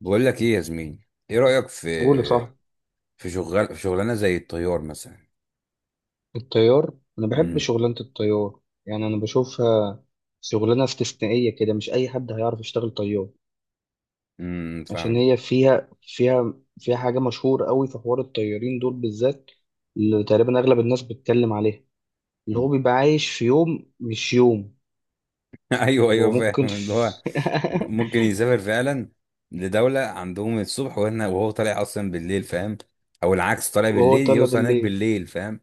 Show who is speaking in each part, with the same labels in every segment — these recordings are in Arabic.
Speaker 1: بقول لك ايه يا زميلي، ايه رأيك في
Speaker 2: قولي صح.
Speaker 1: في شغل في شغلانه زي الطيار مثلا.
Speaker 2: الطيار. انا بحب
Speaker 1: امم.
Speaker 2: شغلانه الطيار. يعني انا بشوفها شغلانه استثنائيه كده، مش اي حد هيعرف يشتغل طيار.
Speaker 1: امم،
Speaker 2: عشان
Speaker 1: فاهم.
Speaker 2: هي فيها حاجه مشهوره قوي في حوار الطيارين دول بالذات، اللي تقريبا اغلب الناس بتتكلم عليها، اللي هو
Speaker 1: مم.
Speaker 2: بيبقى عايش في يوم مش يوم.
Speaker 1: ايوه
Speaker 2: هو
Speaker 1: ايوه
Speaker 2: ممكن
Speaker 1: فاهم اللي هو
Speaker 2: في.
Speaker 1: ممكن يسافر فعلا لدولة عندهم الصبح وهنا وهو طالع اصلا بالليل، فاهم، او العكس طالع
Speaker 2: وهو
Speaker 1: بالليل
Speaker 2: طالع
Speaker 1: يوصل هناك
Speaker 2: بالليل.
Speaker 1: بالليل، فاهم،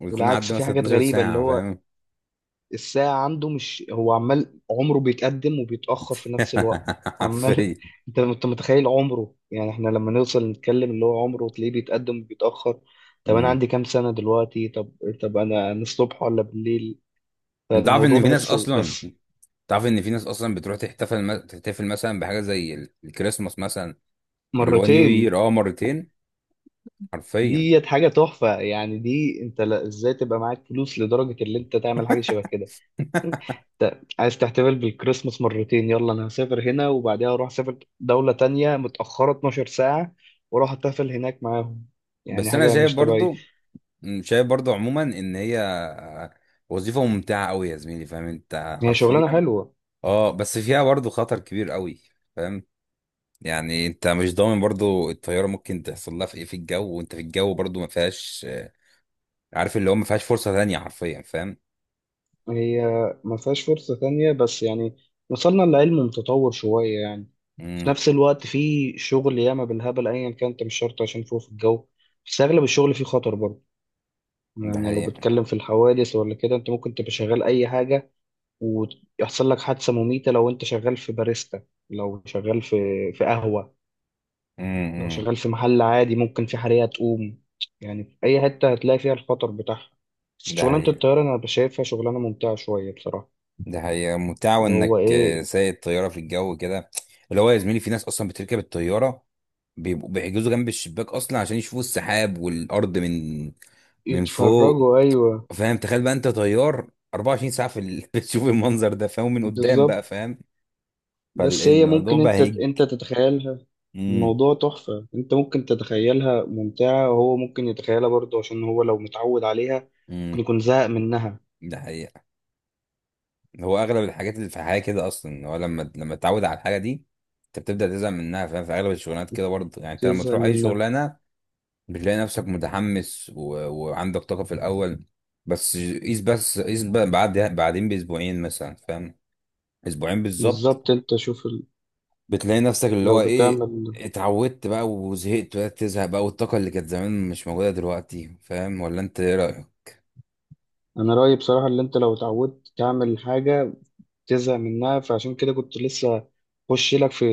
Speaker 1: ويكون
Speaker 2: والعكس
Speaker 1: عدى
Speaker 2: في
Speaker 1: مثلا
Speaker 2: حاجات
Speaker 1: 12
Speaker 2: غريبه، اللي
Speaker 1: ساعة،
Speaker 2: هو
Speaker 1: فاهم.
Speaker 2: الساعة عنده، مش هو عمال عمره بيتقدم وبيتأخر في نفس الوقت. عمال
Speaker 1: حرفيا.
Speaker 2: انت متخيل عمره، يعني احنا لما نوصل نتكلم اللي هو عمره تلاقيه بيتقدم وبيتأخر. طب انا
Speaker 1: مم.
Speaker 2: عندي كام سنة دلوقتي؟ طب، طب انا الصبح ولا بالليل؟
Speaker 1: انت عارف
Speaker 2: فالموضوع
Speaker 1: ان في ناس
Speaker 2: بحسه
Speaker 1: اصلا،
Speaker 2: بس.
Speaker 1: تعرف ان في ناس اصلا بتروح تحتفل مثلا بحاجه زي الكريسماس مثلا، اللي هو نيو يير،
Speaker 2: مرتين.
Speaker 1: مرتين حرفيا.
Speaker 2: ديت حاجة تحفة، يعني دي انت ازاي تبقى معاك فلوس لدرجة اللي انت تعمل حاجة شبه كده؟ عايز تحتفل بالكريسماس مرتين؟ يلا انا هسافر هنا وبعدها اروح اسافر دولة تانية متأخرة 12 ساعة واروح احتفل هناك معاهم. يعني
Speaker 1: بس انا
Speaker 2: حاجة
Speaker 1: شايف
Speaker 2: مش طبيعية.
Speaker 1: برضو، عموما ان هي وظيفة ممتعة قوي يا زميلي، فاهم انت
Speaker 2: هي
Speaker 1: حرفيا.
Speaker 2: شغلانة حلوة.
Speaker 1: اه، بس فيها برضو خطر كبير قوي، فاهم. يعني انت مش ضامن برضو الطيارة ممكن تحصل لها في ايه في الجو وانت في الجو برضو ما فيهاش، عارف اللي هو ما فيهاش فرصة تانية حرفيا، فاهم.
Speaker 2: هي ما فيهاش فرصة تانية، بس يعني وصلنا لعلم متطور شوية يعني. في
Speaker 1: امم.
Speaker 2: نفس الوقت في شغل ياما بالهبل ايا كان، انت مش شرط عشان فوق في الجو. بس اغلب الشغل فيه خطر برضه.
Speaker 1: ده
Speaker 2: يعني لو
Speaker 1: حقيقة.
Speaker 2: بتتكلم في الحوادث ولا كده، انت ممكن تبقى شغال اي حاجة ويحصل لك حادثة مميتة. لو انت شغال في باريستا، لو شغال في قهوة، لو
Speaker 1: امم.
Speaker 2: شغال في محل عادي، ممكن في حريقة تقوم. يعني في أي حتة هتلاقي فيها الخطر بتاعها. بس
Speaker 1: ده
Speaker 2: شغلانة
Speaker 1: حقيقة،
Speaker 2: الطيارة أنا شايفها شغلانة ممتعة شوية بصراحة.
Speaker 1: ده حقيقة ممتعة
Speaker 2: اللي هو
Speaker 1: وانك
Speaker 2: إيه.
Speaker 1: سايق الطيارة في الجو كده، اللي هو يا زميلي في ناس اصلا بتركب الطيارة بيبقوا بيحجزوا جنب الشباك اصلا عشان يشوفوا السحاب والارض من من فوق،
Speaker 2: يتفرجوا، أيوه.
Speaker 1: فاهم، تخيل بقى انت طيار 24 ساعه بتشوف المنظر ده، فاهم، من قدام
Speaker 2: بالظبط.
Speaker 1: بقى، فاهم.
Speaker 2: بس هي
Speaker 1: فالموضوع
Speaker 2: ممكن
Speaker 1: بقى
Speaker 2: أنت
Speaker 1: هيج،
Speaker 2: أنت تتخيلها.
Speaker 1: امم
Speaker 2: الموضوع تحفة، أنت ممكن تتخيلها ممتعة، وهو ممكن يتخيلها برضه، عشان هو لو متعود عليها ممكن
Speaker 1: امم
Speaker 2: يكون زهق منها.
Speaker 1: ده حقيقه. هو اغلب الحاجات اللي في الحياه كده اصلا هو لما تتعود على الحاجه دي انت بتبدا تزهق منها، فاهم، في اغلب الشغلانات كده برضه، يعني انت لما
Speaker 2: يزهق
Speaker 1: تروح اي
Speaker 2: منها.
Speaker 1: شغلانه بتلاقي نفسك متحمس وعندك طاقه في الاول، بس قيس بقى بعدين باسبوعين مثلا، فاهم، اسبوعين بالظبط،
Speaker 2: بالظبط. انت شوف
Speaker 1: بتلاقي نفسك اللي
Speaker 2: لو
Speaker 1: هو ايه،
Speaker 2: بتعمل.
Speaker 1: اتعودت بقى وزهقت وبدأت تزهق بقى والطاقة اللي كانت زمان مش موجودة دلوقتي، فاهم، ولا انت ايه رأيك؟
Speaker 2: انا رأيي بصراحة، اللي انت لو اتعودت تعمل حاجة تزهق منها، فعشان كده كنت لسه خش لك في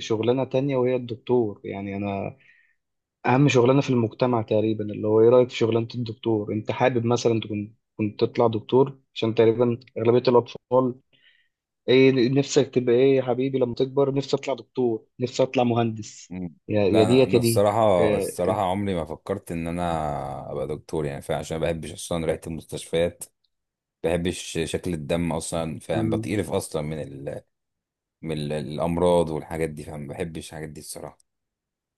Speaker 2: شغلانة تانية، وهي الدكتور. يعني انا اهم شغلانة في المجتمع تقريبا، اللي هو ايه رأيك في شغلانة الدكتور؟ انت حابب مثلا تكون كنت تطلع دكتور؟ عشان تقريبا أغلبية الأطفال، ايه نفسك تبقى ايه يا حبيبي لما تكبر؟ نفسي اطلع دكتور، نفسي اطلع مهندس.
Speaker 1: مم.
Speaker 2: يا
Speaker 1: لا
Speaker 2: ديت
Speaker 1: انا
Speaker 2: يا دي.
Speaker 1: الصراحة،
Speaker 2: يا-
Speaker 1: الصراحة عمري ما فكرت ان انا ابقى دكتور يعني، فاهم، عشان ما بحبش اصلا ريحة المستشفيات، ما بحبش شكل الدم اصلا، فاهم،
Speaker 2: م-
Speaker 1: بتقرف اصلا الامراض والحاجات دي، فاهم، ما بحبش الحاجات دي الصراحة،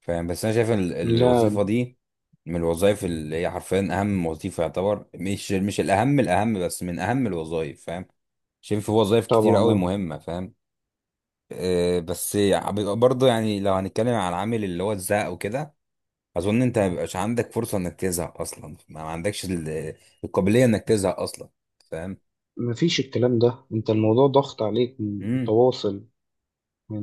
Speaker 1: فاهم، بس انا شايف ان ال-
Speaker 2: لا.
Speaker 1: الوظيفه دي من الوظائف اللي هي حرفيا اهم وظيفه يعتبر، مش الاهم، الاهم بس من اهم الوظائف، فاهم، شايف في وظائف كتير
Speaker 2: طبعا،
Speaker 1: قوي
Speaker 2: اه.
Speaker 1: مهمه، فاهم. أه بس بيبقى برضه يعني لو هنتكلم على العامل اللي هو الزهق وكده، اظن انت ما بيبقاش عندك فرصه انك تزهق اصلا، ما عندكش القابليه انك تزهق اصلا، فاهم.
Speaker 2: مفيش الكلام ده، انت الموضوع ضغط عليك
Speaker 1: امم.
Speaker 2: متواصل.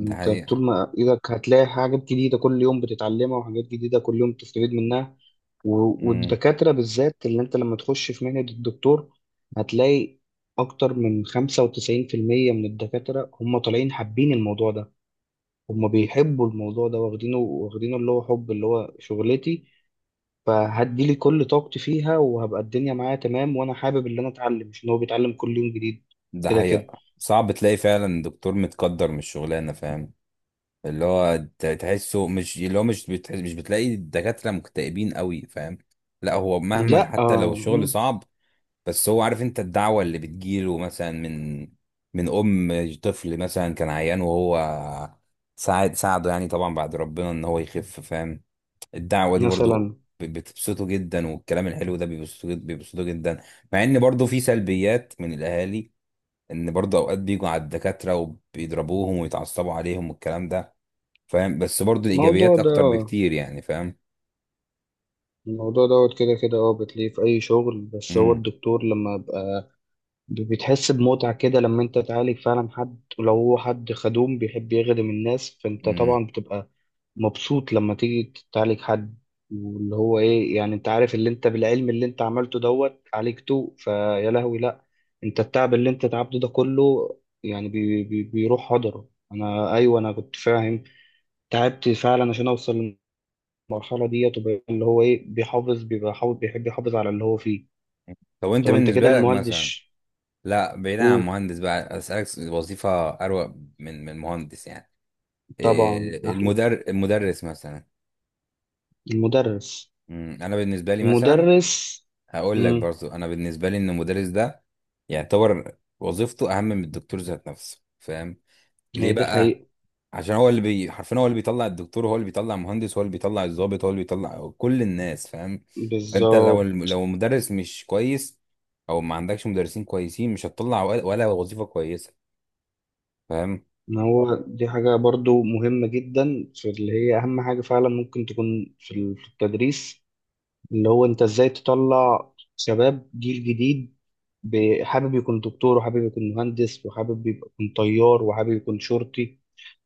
Speaker 1: ده حقيقه.
Speaker 2: طول ما ايدك هتلاقي حاجات جديدة كل يوم بتتعلمها، وحاجات جديدة كل يوم بتستفيد منها.
Speaker 1: امم.
Speaker 2: والدكاترة بالذات، اللي انت لما تخش في مهنة الدكتور هتلاقي اكتر من 95% من الدكاترة هم طالعين حابين الموضوع ده، هم بيحبوا الموضوع ده واخدينه واخدينه، اللي هو حب اللي هو شغلتي، فهدي لي كل طاقتي فيها وهبقى الدنيا معايا تمام، وانا حابب اللي انا اتعلم، مش ان هو بيتعلم كل يوم جديد
Speaker 1: ده
Speaker 2: كده كده.
Speaker 1: حقيقه، صعب تلاقي فعلا دكتور متقدر من الشغلانه، فاهم، اللي هو تحسه، مش اللي هو مش بتحس، مش بتلاقي الدكاترة مكتئبين قوي، فاهم، لا هو مهما
Speaker 2: لا،
Speaker 1: حتى لو
Speaker 2: آه،
Speaker 1: الشغل
Speaker 2: مم.
Speaker 1: صعب بس هو عارف انت الدعوة اللي بتجيله مثلا من ام طفل مثلا كان عيان وهو ساعده يعني طبعا بعد ربنا ان هو يخف، فاهم، الدعوة دي برضو
Speaker 2: مثلا.
Speaker 1: بتبسطه جدا والكلام الحلو ده بيبسطه بيبسطه جدا، مع ان برضو في سلبيات من الاهالي، ان برضو اوقات بيجوا على الدكاترة وبيضربوهم ويتعصبوا عليهم والكلام ده، فاهم، بس برضو
Speaker 2: الموضوع
Speaker 1: الايجابيات
Speaker 2: ده،
Speaker 1: اكتر بكتير يعني، فاهم.
Speaker 2: الموضوع دوت كده كده، اه بتلاقيه في اي شغل، بس هو
Speaker 1: امم.
Speaker 2: الدكتور لما بقى بتحس بمتعة كده لما انت تعالج فعلا حد، ولو هو حد خدوم بيحب يخدم الناس، فانت
Speaker 1: امم.
Speaker 2: طبعا بتبقى مبسوط لما تيجي تعالج حد. واللي هو ايه يعني، انت عارف اللي انت بالعلم اللي انت عملته دوت عالجته فيا لهوي، لا، انت التعب اللي انت تعبته ده كله يعني بي بي بيروح هدره. انا، ايوه انا كنت فاهم، تعبت فعلا عشان اوصل المرحلة دي، وتبقى اللي هو ايه بيحافظ، بيبقى حافظ، بيحب يحافظ على اللي هو فيه.
Speaker 1: طب وانت
Speaker 2: طب انت كده
Speaker 1: بالنسبه لك مثلا،
Speaker 2: المهندس.
Speaker 1: لا بعيدا عن
Speaker 2: قول.
Speaker 1: مهندس بقى اسالك وظيفه اروق من مهندس يعني،
Speaker 2: طبعا،
Speaker 1: إيه،
Speaker 2: احلى.
Speaker 1: المدرس مثلا.
Speaker 2: المدرس.
Speaker 1: انا بالنسبه لي مثلا
Speaker 2: المدرس.
Speaker 1: هقول لك
Speaker 2: امم
Speaker 1: برضو، انا بالنسبه لي ان المدرس ده يعتبر وظيفته اهم من الدكتور ذات نفسه، فاهم، ليه
Speaker 2: هي دي
Speaker 1: بقى؟
Speaker 2: حقيقة.
Speaker 1: عشان هو اللي حرفيا هو اللي بيطلع الدكتور، هو اللي بيطلع المهندس، هو اللي بيطلع الضابط، هو اللي بيطلع كل الناس، فاهم، فانت لو
Speaker 2: بالظبط.
Speaker 1: لو المدرس مش كويس او ما عندكش مدرسين كويسين مش هتطلع ولا وظيفة كويسة، فاهم.
Speaker 2: ما هو دي حاجة برضو مهمة جدا، في اللي هي أهم حاجة فعلا ممكن تكون في في التدريس، اللي هو أنت إزاي تطلع شباب جيل جديد حابب يكون دكتور، وحابب يكون مهندس، وحابب يكون طيار، وحابب يكون شرطي.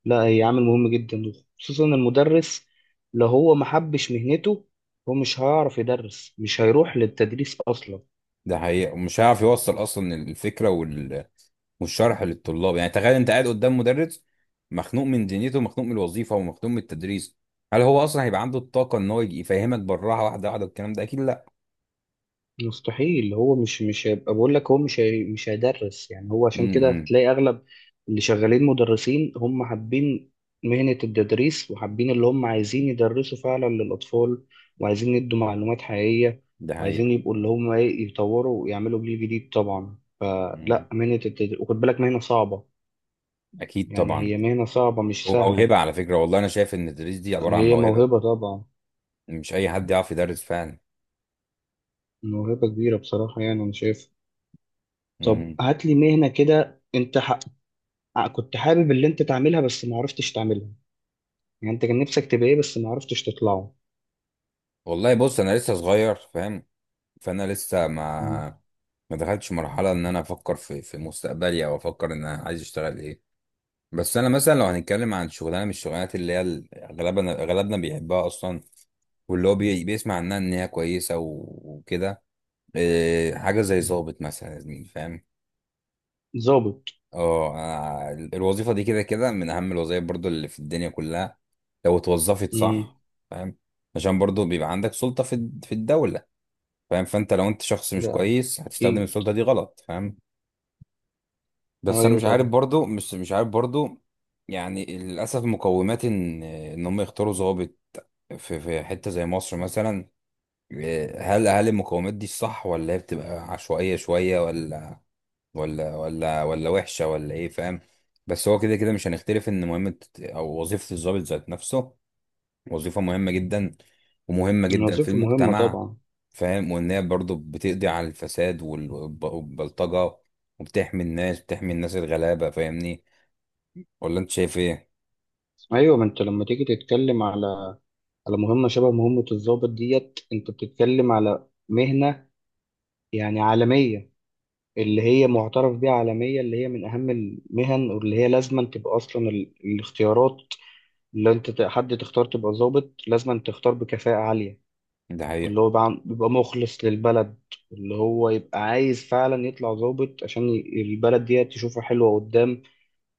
Speaker 2: لا، هي عامل مهم جدا، خصوصا المدرس. لو هو ما حبش مهنته، هو مش هيعرف يدرس، مش هيروح للتدريس اصلا.
Speaker 1: ده حقيقة، ومش هيعرف يوصل اصلا الفكرة والشرح للطلاب، يعني تخيل انت قاعد قدام مدرس مخنوق من دنيته، مخنوق من الوظيفة، ومخنوق من التدريس، هل هو اصلا هيبقى عنده الطاقة ان هو يفهمك بالراحة واحدة واحدة والكلام ده؟ اكيد لا.
Speaker 2: مستحيل. هو مش هيبقى، بقول لك، هو مش، هي مش هيدرس. يعني هو عشان كده
Speaker 1: امم.
Speaker 2: هتلاقي اغلب اللي شغالين مدرسين هم حابين مهنة التدريس، وحابين اللي هم عايزين يدرسوا فعلا للأطفال، وعايزين يدوا معلومات حقيقية،
Speaker 1: ده
Speaker 2: وعايزين
Speaker 1: حقيقة.
Speaker 2: يبقوا اللي هم ايه يطوروا ويعملوا جيل جديد طبعا.
Speaker 1: امم.
Speaker 2: فلا، مهنة التدريس، وخد بالك مهنة صعبة.
Speaker 1: اكيد
Speaker 2: يعني
Speaker 1: طبعا.
Speaker 2: هي مهنة صعبة مش سهلة.
Speaker 1: وموهبة على فكرة، والله أنا شايف إن التدريس دي عبارة عن
Speaker 2: هي
Speaker 1: موهبة،
Speaker 2: موهبة طبعا.
Speaker 1: مش أي حد يعرف يدرس فعلا.
Speaker 2: موهبة كبيرة بصراحة، يعني أنا شايف. طب
Speaker 1: مم.
Speaker 2: هات لي مهنة كده أنت كنت حابب اللي أنت تعملها بس ما عرفتش تعملها. يعني أنت كان نفسك تبقى إيه بس ما عرفتش تطلعه.
Speaker 1: والله بص، أنا لسه صغير، فاهم، فأنا لسه
Speaker 2: مم.
Speaker 1: ما دخلتش مرحلة إن أنا أفكر في مستقبلي أو أفكر إن أنا عايز أشتغل إيه، بس أنا مثلا لو هنتكلم عن شغلانة من الشغلانات اللي هي أغلبنا بيحبها أصلا، واللي هو بيسمع عنها إن هي كويسة وكده، إيه، حاجة زي ظابط مثلا يا زميلي، فاهم.
Speaker 2: ظابط.
Speaker 1: اه، أنا الوظيفة دي كده كده من أهم الوظائف برضو اللي في الدنيا كلها لو اتوظفت
Speaker 2: مم.
Speaker 1: صح، فاهم، عشان برضو بيبقى عندك سلطة في الدولة، فاهم، فأنت لو أنت شخص مش
Speaker 2: لا.
Speaker 1: كويس هتستخدم
Speaker 2: أكيد.
Speaker 1: السلطة دي غلط، فاهم. بس أنا
Speaker 2: أيوه
Speaker 1: مش عارف
Speaker 2: طبعا.
Speaker 1: برضو مش مش عارف برضو، يعني للأسف مقومات إن هم يختاروا ضابط في حتة زي مصر مثلا، إيه، هل المقومات دي الصح ولا هي بتبقى عشوائية شوية ولا وحشه ولا ايه، فاهم، بس هو كده كده مش هنختلف ان مهمه او وظيفه الضابط ذات نفسه وظيفه مهمه جدا ومهمه جدا في
Speaker 2: الوظيفة مهمة
Speaker 1: المجتمع،
Speaker 2: طبعا.
Speaker 1: فاهم، وان هي برضه بتقضي على الفساد والبلطجه وبتحمي الناس، بتحمي الناس الغلابه، فاهمني. ولا انت شايف ايه؟
Speaker 2: أيوه، ما أنت لما تيجي تتكلم على مهمة شبه مهمة الضابط ديت، أنت بتتكلم على مهنة يعني عالمية، اللي هي معترف بيها عالميا، اللي هي من أهم المهن، واللي هي لازما تبقى أصلا الاختيارات، اللي أنت حد تختار تبقى ضابط لازما تختار بكفاءة عالية،
Speaker 1: ده
Speaker 2: اللي
Speaker 1: حقيقه.
Speaker 2: هو بيبقى مخلص للبلد، اللي هو يبقى عايز فعلا يطلع ضابط عشان البلد دي تشوفها حلوة قدام.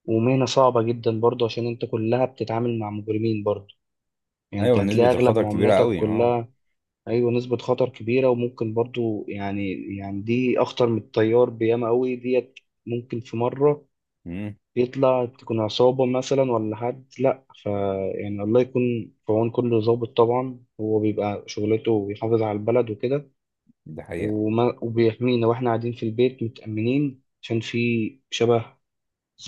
Speaker 2: ومهنة صعبة جدا برضه عشان أنت كلها بتتعامل مع مجرمين برضه. يعني انت
Speaker 1: ايوه نسبه
Speaker 2: هتلاقي اغلب
Speaker 1: الخطر كبيره
Speaker 2: معاملاتك
Speaker 1: قوي، اه.
Speaker 2: كلها. ايوه، نسبة خطر كبيرة وممكن برضو يعني، يعني دي اخطر من الطيار بياما قوي ديت. ممكن في مرة
Speaker 1: امم.
Speaker 2: يطلع تكون عصابة مثلا ولا حد، لأ، يعني الله يكون في عون كل ضابط. طبعا هو بيبقى شغلته بيحافظ على البلد وكده.
Speaker 1: ده حقيقه.
Speaker 2: وبيحمينا واحنا قاعدين في البيت متأمنين، عشان في شبه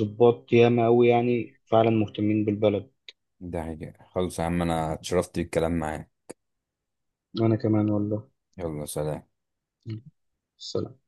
Speaker 2: ضباط ياما أوي يعني فعلا مهتمين بالبلد.
Speaker 1: ده حقيقه، خلاص يا عم، انا اتشرفت بالكلام معاك.
Speaker 2: أنا كمان والله.
Speaker 1: يلا سلام.
Speaker 2: سلام.